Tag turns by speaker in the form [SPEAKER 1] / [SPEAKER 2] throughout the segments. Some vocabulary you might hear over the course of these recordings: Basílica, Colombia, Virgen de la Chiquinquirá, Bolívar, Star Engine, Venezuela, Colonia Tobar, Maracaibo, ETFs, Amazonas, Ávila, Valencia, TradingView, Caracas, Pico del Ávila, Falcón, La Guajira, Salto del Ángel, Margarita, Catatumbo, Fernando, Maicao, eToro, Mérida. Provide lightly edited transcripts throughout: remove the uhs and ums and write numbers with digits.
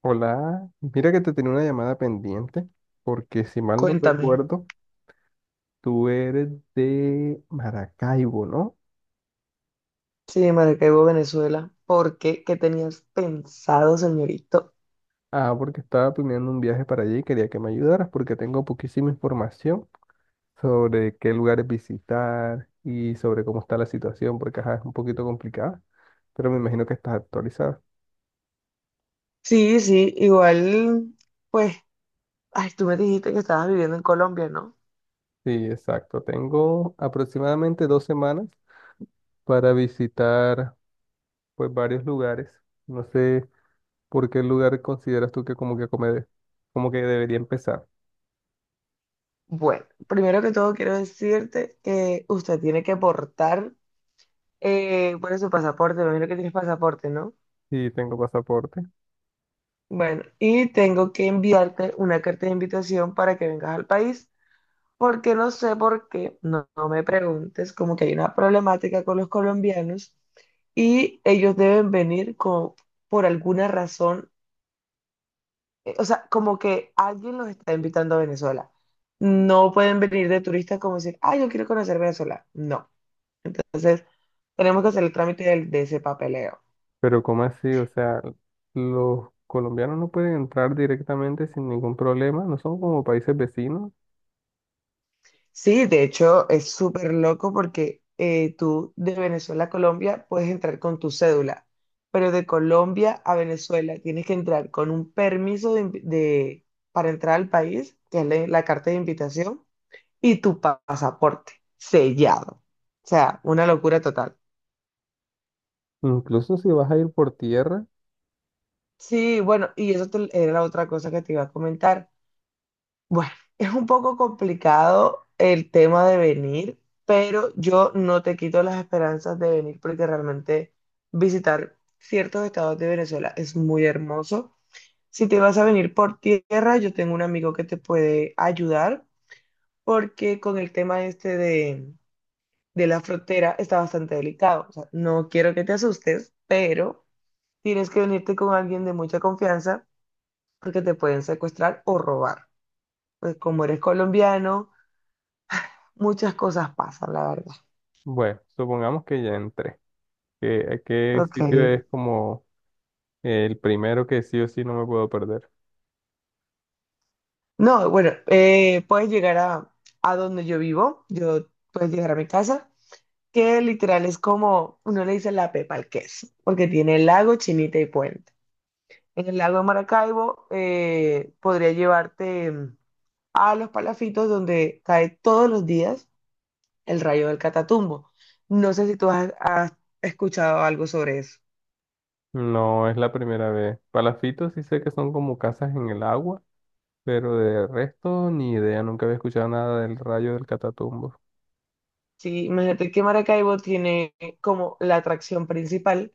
[SPEAKER 1] Hola, mira que te tenía una llamada pendiente, porque si mal no
[SPEAKER 2] Cuéntame.
[SPEAKER 1] recuerdo, tú eres de Maracaibo, ¿no?
[SPEAKER 2] Sí, Maracaibo, Venezuela. ¿Por qué? ¿Qué tenías pensado, señorito?
[SPEAKER 1] Ah, porque estaba planeando un viaje para allí y quería que me ayudaras porque tengo poquísima información sobre qué lugares visitar y sobre cómo está la situación, porque ajá, es un poquito complicada, pero me imagino que estás actualizada.
[SPEAKER 2] Sí, sí, igual, pues, ay, tú me dijiste que estabas viviendo en Colombia, ¿no?
[SPEAKER 1] Sí, exacto. Tengo aproximadamente 2 semanas para visitar pues varios lugares. No sé. ¿Por qué lugar consideras tú que como que come, como que debería empezar?
[SPEAKER 2] Bueno, primero que todo quiero decirte que usted tiene que aportar, bueno, su pasaporte, me imagino que tienes pasaporte, ¿no?
[SPEAKER 1] Sí, tengo pasaporte,
[SPEAKER 2] Bueno, y tengo que enviarte una carta de invitación para que vengas al país. Porque no sé por qué, no, no me preguntes, como que hay una problemática con los colombianos y ellos deben venir con, por alguna razón, o sea, como que alguien los está invitando a Venezuela. No pueden venir de turistas como decir, ah, yo quiero conocer Venezuela. No. Entonces, tenemos que hacer el trámite de, ese papeleo.
[SPEAKER 1] pero ¿cómo así? O sea, los colombianos no pueden entrar directamente sin ningún problema, no son como países vecinos.
[SPEAKER 2] Sí, de hecho es súper loco porque tú de Venezuela a Colombia puedes entrar con tu cédula, pero de Colombia a Venezuela tienes que entrar con un permiso de, para entrar al país, que es la carta de invitación, y tu pasaporte sellado. O sea, una locura total.
[SPEAKER 1] Incluso si vas a ir por tierra,
[SPEAKER 2] Sí, bueno, y eso era la otra cosa que te iba a comentar. Bueno, es un poco complicado el tema de venir, pero yo no te quito las esperanzas de venir porque realmente visitar ciertos estados de Venezuela es muy hermoso. Si te vas a venir por tierra, yo tengo un amigo que te puede ayudar porque con el tema este de la frontera está bastante delicado. O sea, no quiero que te asustes, pero tienes que venirte con alguien de mucha confianza porque te pueden secuestrar o robar. Pues como eres colombiano muchas cosas pasan, la verdad.
[SPEAKER 1] bueno, supongamos que ya entré. ¿Qué, a qué
[SPEAKER 2] Ok.
[SPEAKER 1] sitio es como el primero que sí o sí no me puedo perder?
[SPEAKER 2] No, bueno, puedes llegar a donde yo vivo, yo puedes llegar a mi casa, que literal es como, uno le dice la Pepa al queso, porque tiene lago, chinita y puente. En el lago de Maracaibo podría llevarte a los palafitos donde cae todos los días el rayo del Catatumbo. No sé si tú has escuchado algo sobre eso.
[SPEAKER 1] No es la primera vez. Palafitos sí sé que son como casas en el agua. Pero de resto, ni idea, nunca había escuchado nada del rayo del Catatumbo.
[SPEAKER 2] Sí, imagínate que Maracaibo tiene como la atracción principal,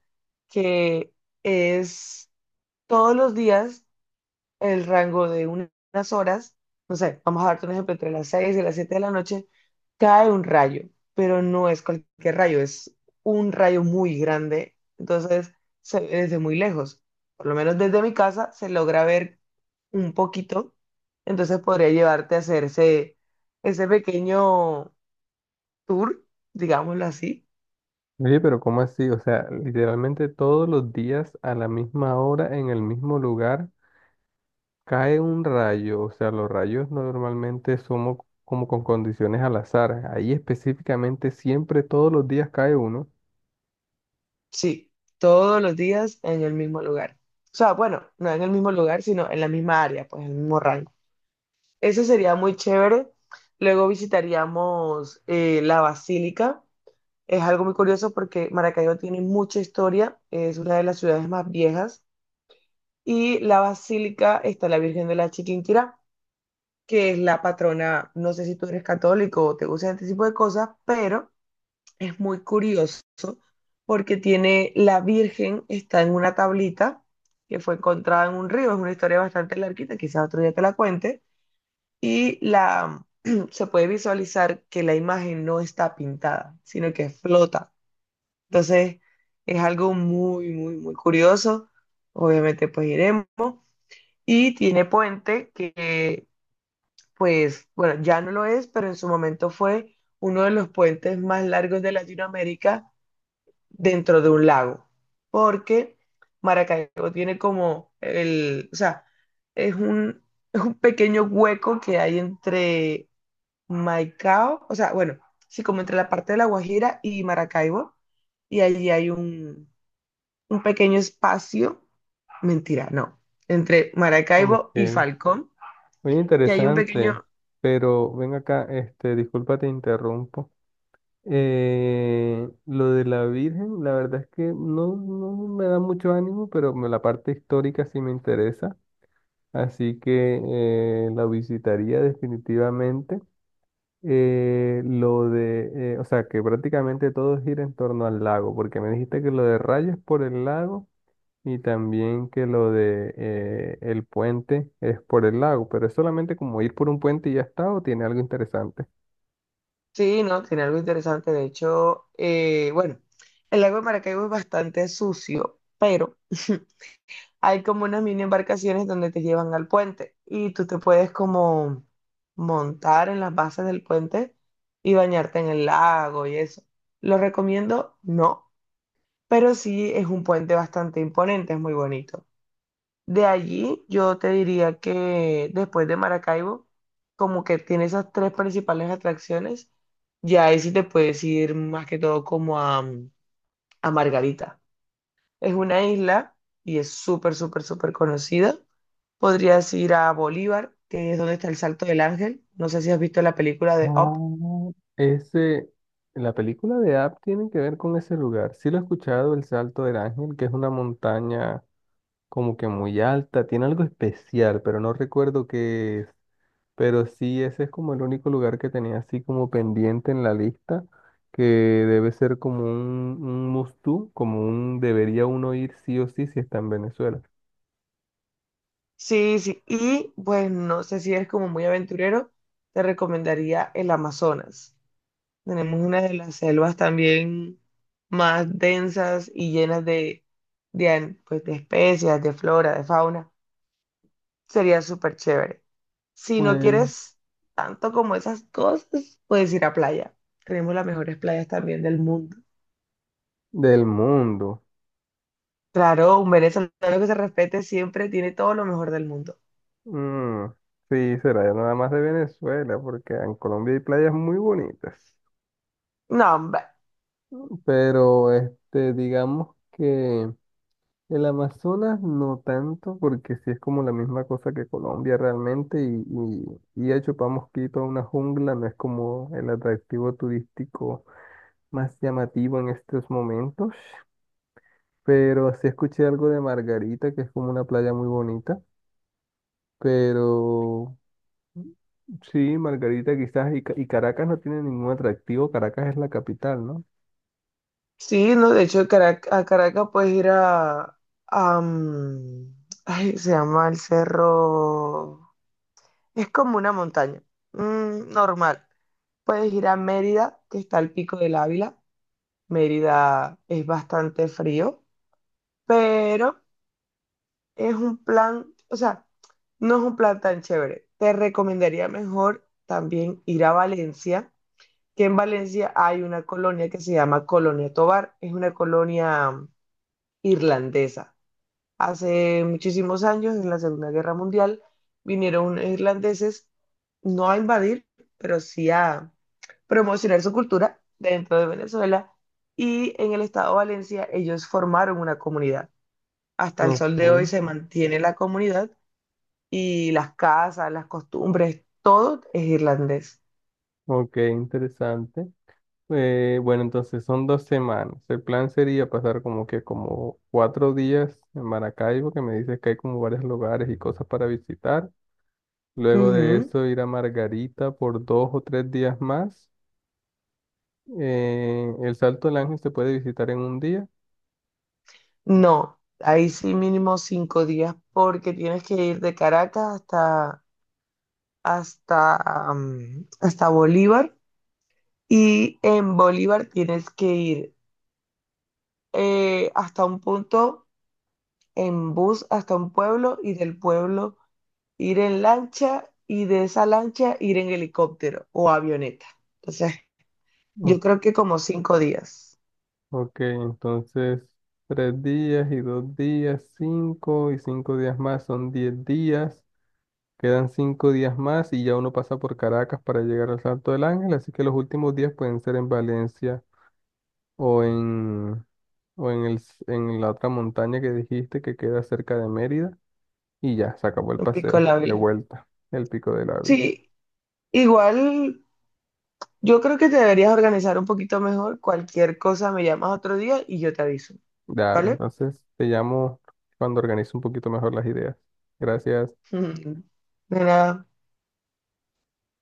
[SPEAKER 2] que es todos los días el rango de unas horas, no sé, vamos a darte un ejemplo, entre las 6 y las 7 de la noche, cae un rayo, pero no es cualquier rayo, es un rayo muy grande, entonces se ve desde muy lejos, por lo menos desde mi casa se logra ver un poquito, entonces podría llevarte a hacer ese, ese pequeño tour, digámoslo así.
[SPEAKER 1] Oye, pero ¿cómo así? O sea, literalmente todos los días a la misma hora, en el mismo lugar, cae un rayo. O sea, los rayos normalmente somos como con condiciones al azar. Ahí específicamente siempre todos los días cae uno.
[SPEAKER 2] Sí, todos los días en el mismo lugar. O sea, bueno, no en el mismo lugar, sino en la misma área, pues en el mismo rango. Eso sería muy chévere. Luego visitaríamos la Basílica. Es algo muy curioso porque Maracaibo tiene mucha historia, es una de las ciudades más viejas. Y la Basílica está la Virgen de la Chiquinquirá, que es la patrona, no sé si tú eres católico o te gusta este tipo de cosas, pero es muy curioso porque tiene la Virgen, está en una tablita que fue encontrada en un río, es una historia bastante larguita, quizás otro día te la cuente, y la, se puede visualizar que la imagen no está pintada, sino que flota. Entonces, es algo muy, muy, muy curioso. Obviamente, pues iremos. Y tiene puente que, pues, bueno, ya no lo es, pero en su momento fue uno de los puentes más largos de Latinoamérica dentro de un lago, porque Maracaibo tiene como el, o sea, es un, es un pequeño hueco que hay entre Maicao, o sea, bueno, sí, como entre la parte de La Guajira y Maracaibo, y allí hay un pequeño espacio, mentira, no, entre
[SPEAKER 1] Ok,
[SPEAKER 2] Maracaibo y Falcón,
[SPEAKER 1] muy
[SPEAKER 2] que hay un
[SPEAKER 1] interesante.
[SPEAKER 2] pequeño,
[SPEAKER 1] Pero ven acá, este, disculpa, te interrumpo. Lo de la Virgen, la verdad es que no, no me da mucho ánimo, pero la parte histórica sí me interesa, así que la visitaría definitivamente. Lo de, o sea, que prácticamente todo gira en torno al lago, porque me dijiste que lo de rayos es por el lago y también que lo de el puente es por el lago, pero es solamente como ir por un puente y ya está, o tiene algo interesante.
[SPEAKER 2] sí, no, tiene algo interesante, de hecho, bueno, el lago de Maracaibo es bastante sucio, pero... hay como unas mini embarcaciones donde te llevan al puente y tú te puedes como montar en las bases del puente y bañarte en el lago y eso. ¿Lo recomiendo? No, pero sí es un puente bastante imponente, es muy bonito. De allí yo te diría que después de Maracaibo, como que tiene esas tres principales atracciones, ya ahí sí te puedes ir más que todo como a Margarita. Es una isla y es súper, súper, súper conocida. Podrías ir a Bolívar, que es donde está el Salto del Ángel. No sé si has visto la película de
[SPEAKER 1] Ah,
[SPEAKER 2] Up.
[SPEAKER 1] ese, la película de App tiene que ver con ese lugar. Sí lo he escuchado, el Salto del Ángel, que es una montaña como que muy alta, tiene algo especial, pero no recuerdo qué es. Pero sí, ese es como el único lugar que tenía así como pendiente en la lista, que debe ser como un must do, como un debería uno ir sí o sí si está en Venezuela.
[SPEAKER 2] Sí, sí. Y pues no sé si eres como muy aventurero, te recomendaría el Amazonas. Tenemos una de las selvas también más densas y llenas de, pues, de especies, de flora, de fauna. Sería súper chévere. Si no
[SPEAKER 1] Pues
[SPEAKER 2] quieres tanto como esas cosas, puedes ir a playa. Tenemos las mejores playas también del mundo.
[SPEAKER 1] del mundo.
[SPEAKER 2] Claro, un venezolano que se respete siempre tiene todo lo mejor del mundo.
[SPEAKER 1] Mm, sí, será nada más de Venezuela, porque en Colombia hay playas muy bonitas.
[SPEAKER 2] No, hombre.
[SPEAKER 1] Pero este, digamos que el Amazonas no tanto, porque sí es como la misma cosa que Colombia realmente, y a Chupamosquito, a una jungla, no es como el atractivo turístico más llamativo en estos momentos. Pero sí escuché algo de Margarita, que es como una playa muy bonita, pero. Sí, Margarita quizás y Caracas no tiene ningún atractivo, Caracas es la capital, ¿no?
[SPEAKER 2] Sí, no, de hecho a Caracas puedes ir a, ay, se llama el cerro. Es como una montaña. Normal. Puedes ir a Mérida, que está al pico del Ávila. Mérida es bastante frío, pero es un plan, o sea, no es un plan tan chévere. Te recomendaría mejor también ir a Valencia que en Valencia hay una colonia que se llama Colonia Tobar, es una colonia irlandesa. Hace muchísimos años, en la Segunda Guerra Mundial, vinieron unos irlandeses no a invadir, pero sí a promocionar su cultura dentro de Venezuela y en el estado de Valencia ellos formaron una comunidad. Hasta el
[SPEAKER 1] Ok,
[SPEAKER 2] sol de hoy se mantiene la comunidad y las casas, las costumbres, todo es irlandés.
[SPEAKER 1] ok, interesante. Bueno, entonces son dos semanas. El plan sería pasar como que como 4 días en Maracaibo, que me dices que hay como varios lugares y cosas para visitar. Luego de
[SPEAKER 2] Ujú.
[SPEAKER 1] eso ir a Margarita por 2 o 3 días más. El Salto del Ángel se puede visitar en un día.
[SPEAKER 2] No, ahí sí mínimo 5 días porque tienes que ir de Caracas hasta Bolívar y en Bolívar tienes que ir hasta un punto en bus, hasta un pueblo y del pueblo ir en lancha y de esa lancha ir en helicóptero o avioneta. Entonces, yo creo que como 5 días.
[SPEAKER 1] Ok, entonces 3 días y 2 días, 5 y 5 días más son 10 días. Quedan 5 días más y ya uno pasa por Caracas para llegar al Salto del Ángel, así que los últimos días pueden ser en Valencia o en, o en el, en la otra montaña que dijiste que queda cerca de Mérida y ya, se acabó el
[SPEAKER 2] Me picó
[SPEAKER 1] paseo,
[SPEAKER 2] la
[SPEAKER 1] de
[SPEAKER 2] vela.
[SPEAKER 1] vuelta, el Pico del Ávila.
[SPEAKER 2] Sí, igual, yo creo que te deberías organizar un poquito mejor. Cualquier cosa me llamas otro día y yo te aviso,
[SPEAKER 1] Dale,
[SPEAKER 2] ¿vale?
[SPEAKER 1] entonces te llamo cuando organice un poquito mejor las ideas. Gracias.
[SPEAKER 2] De nada.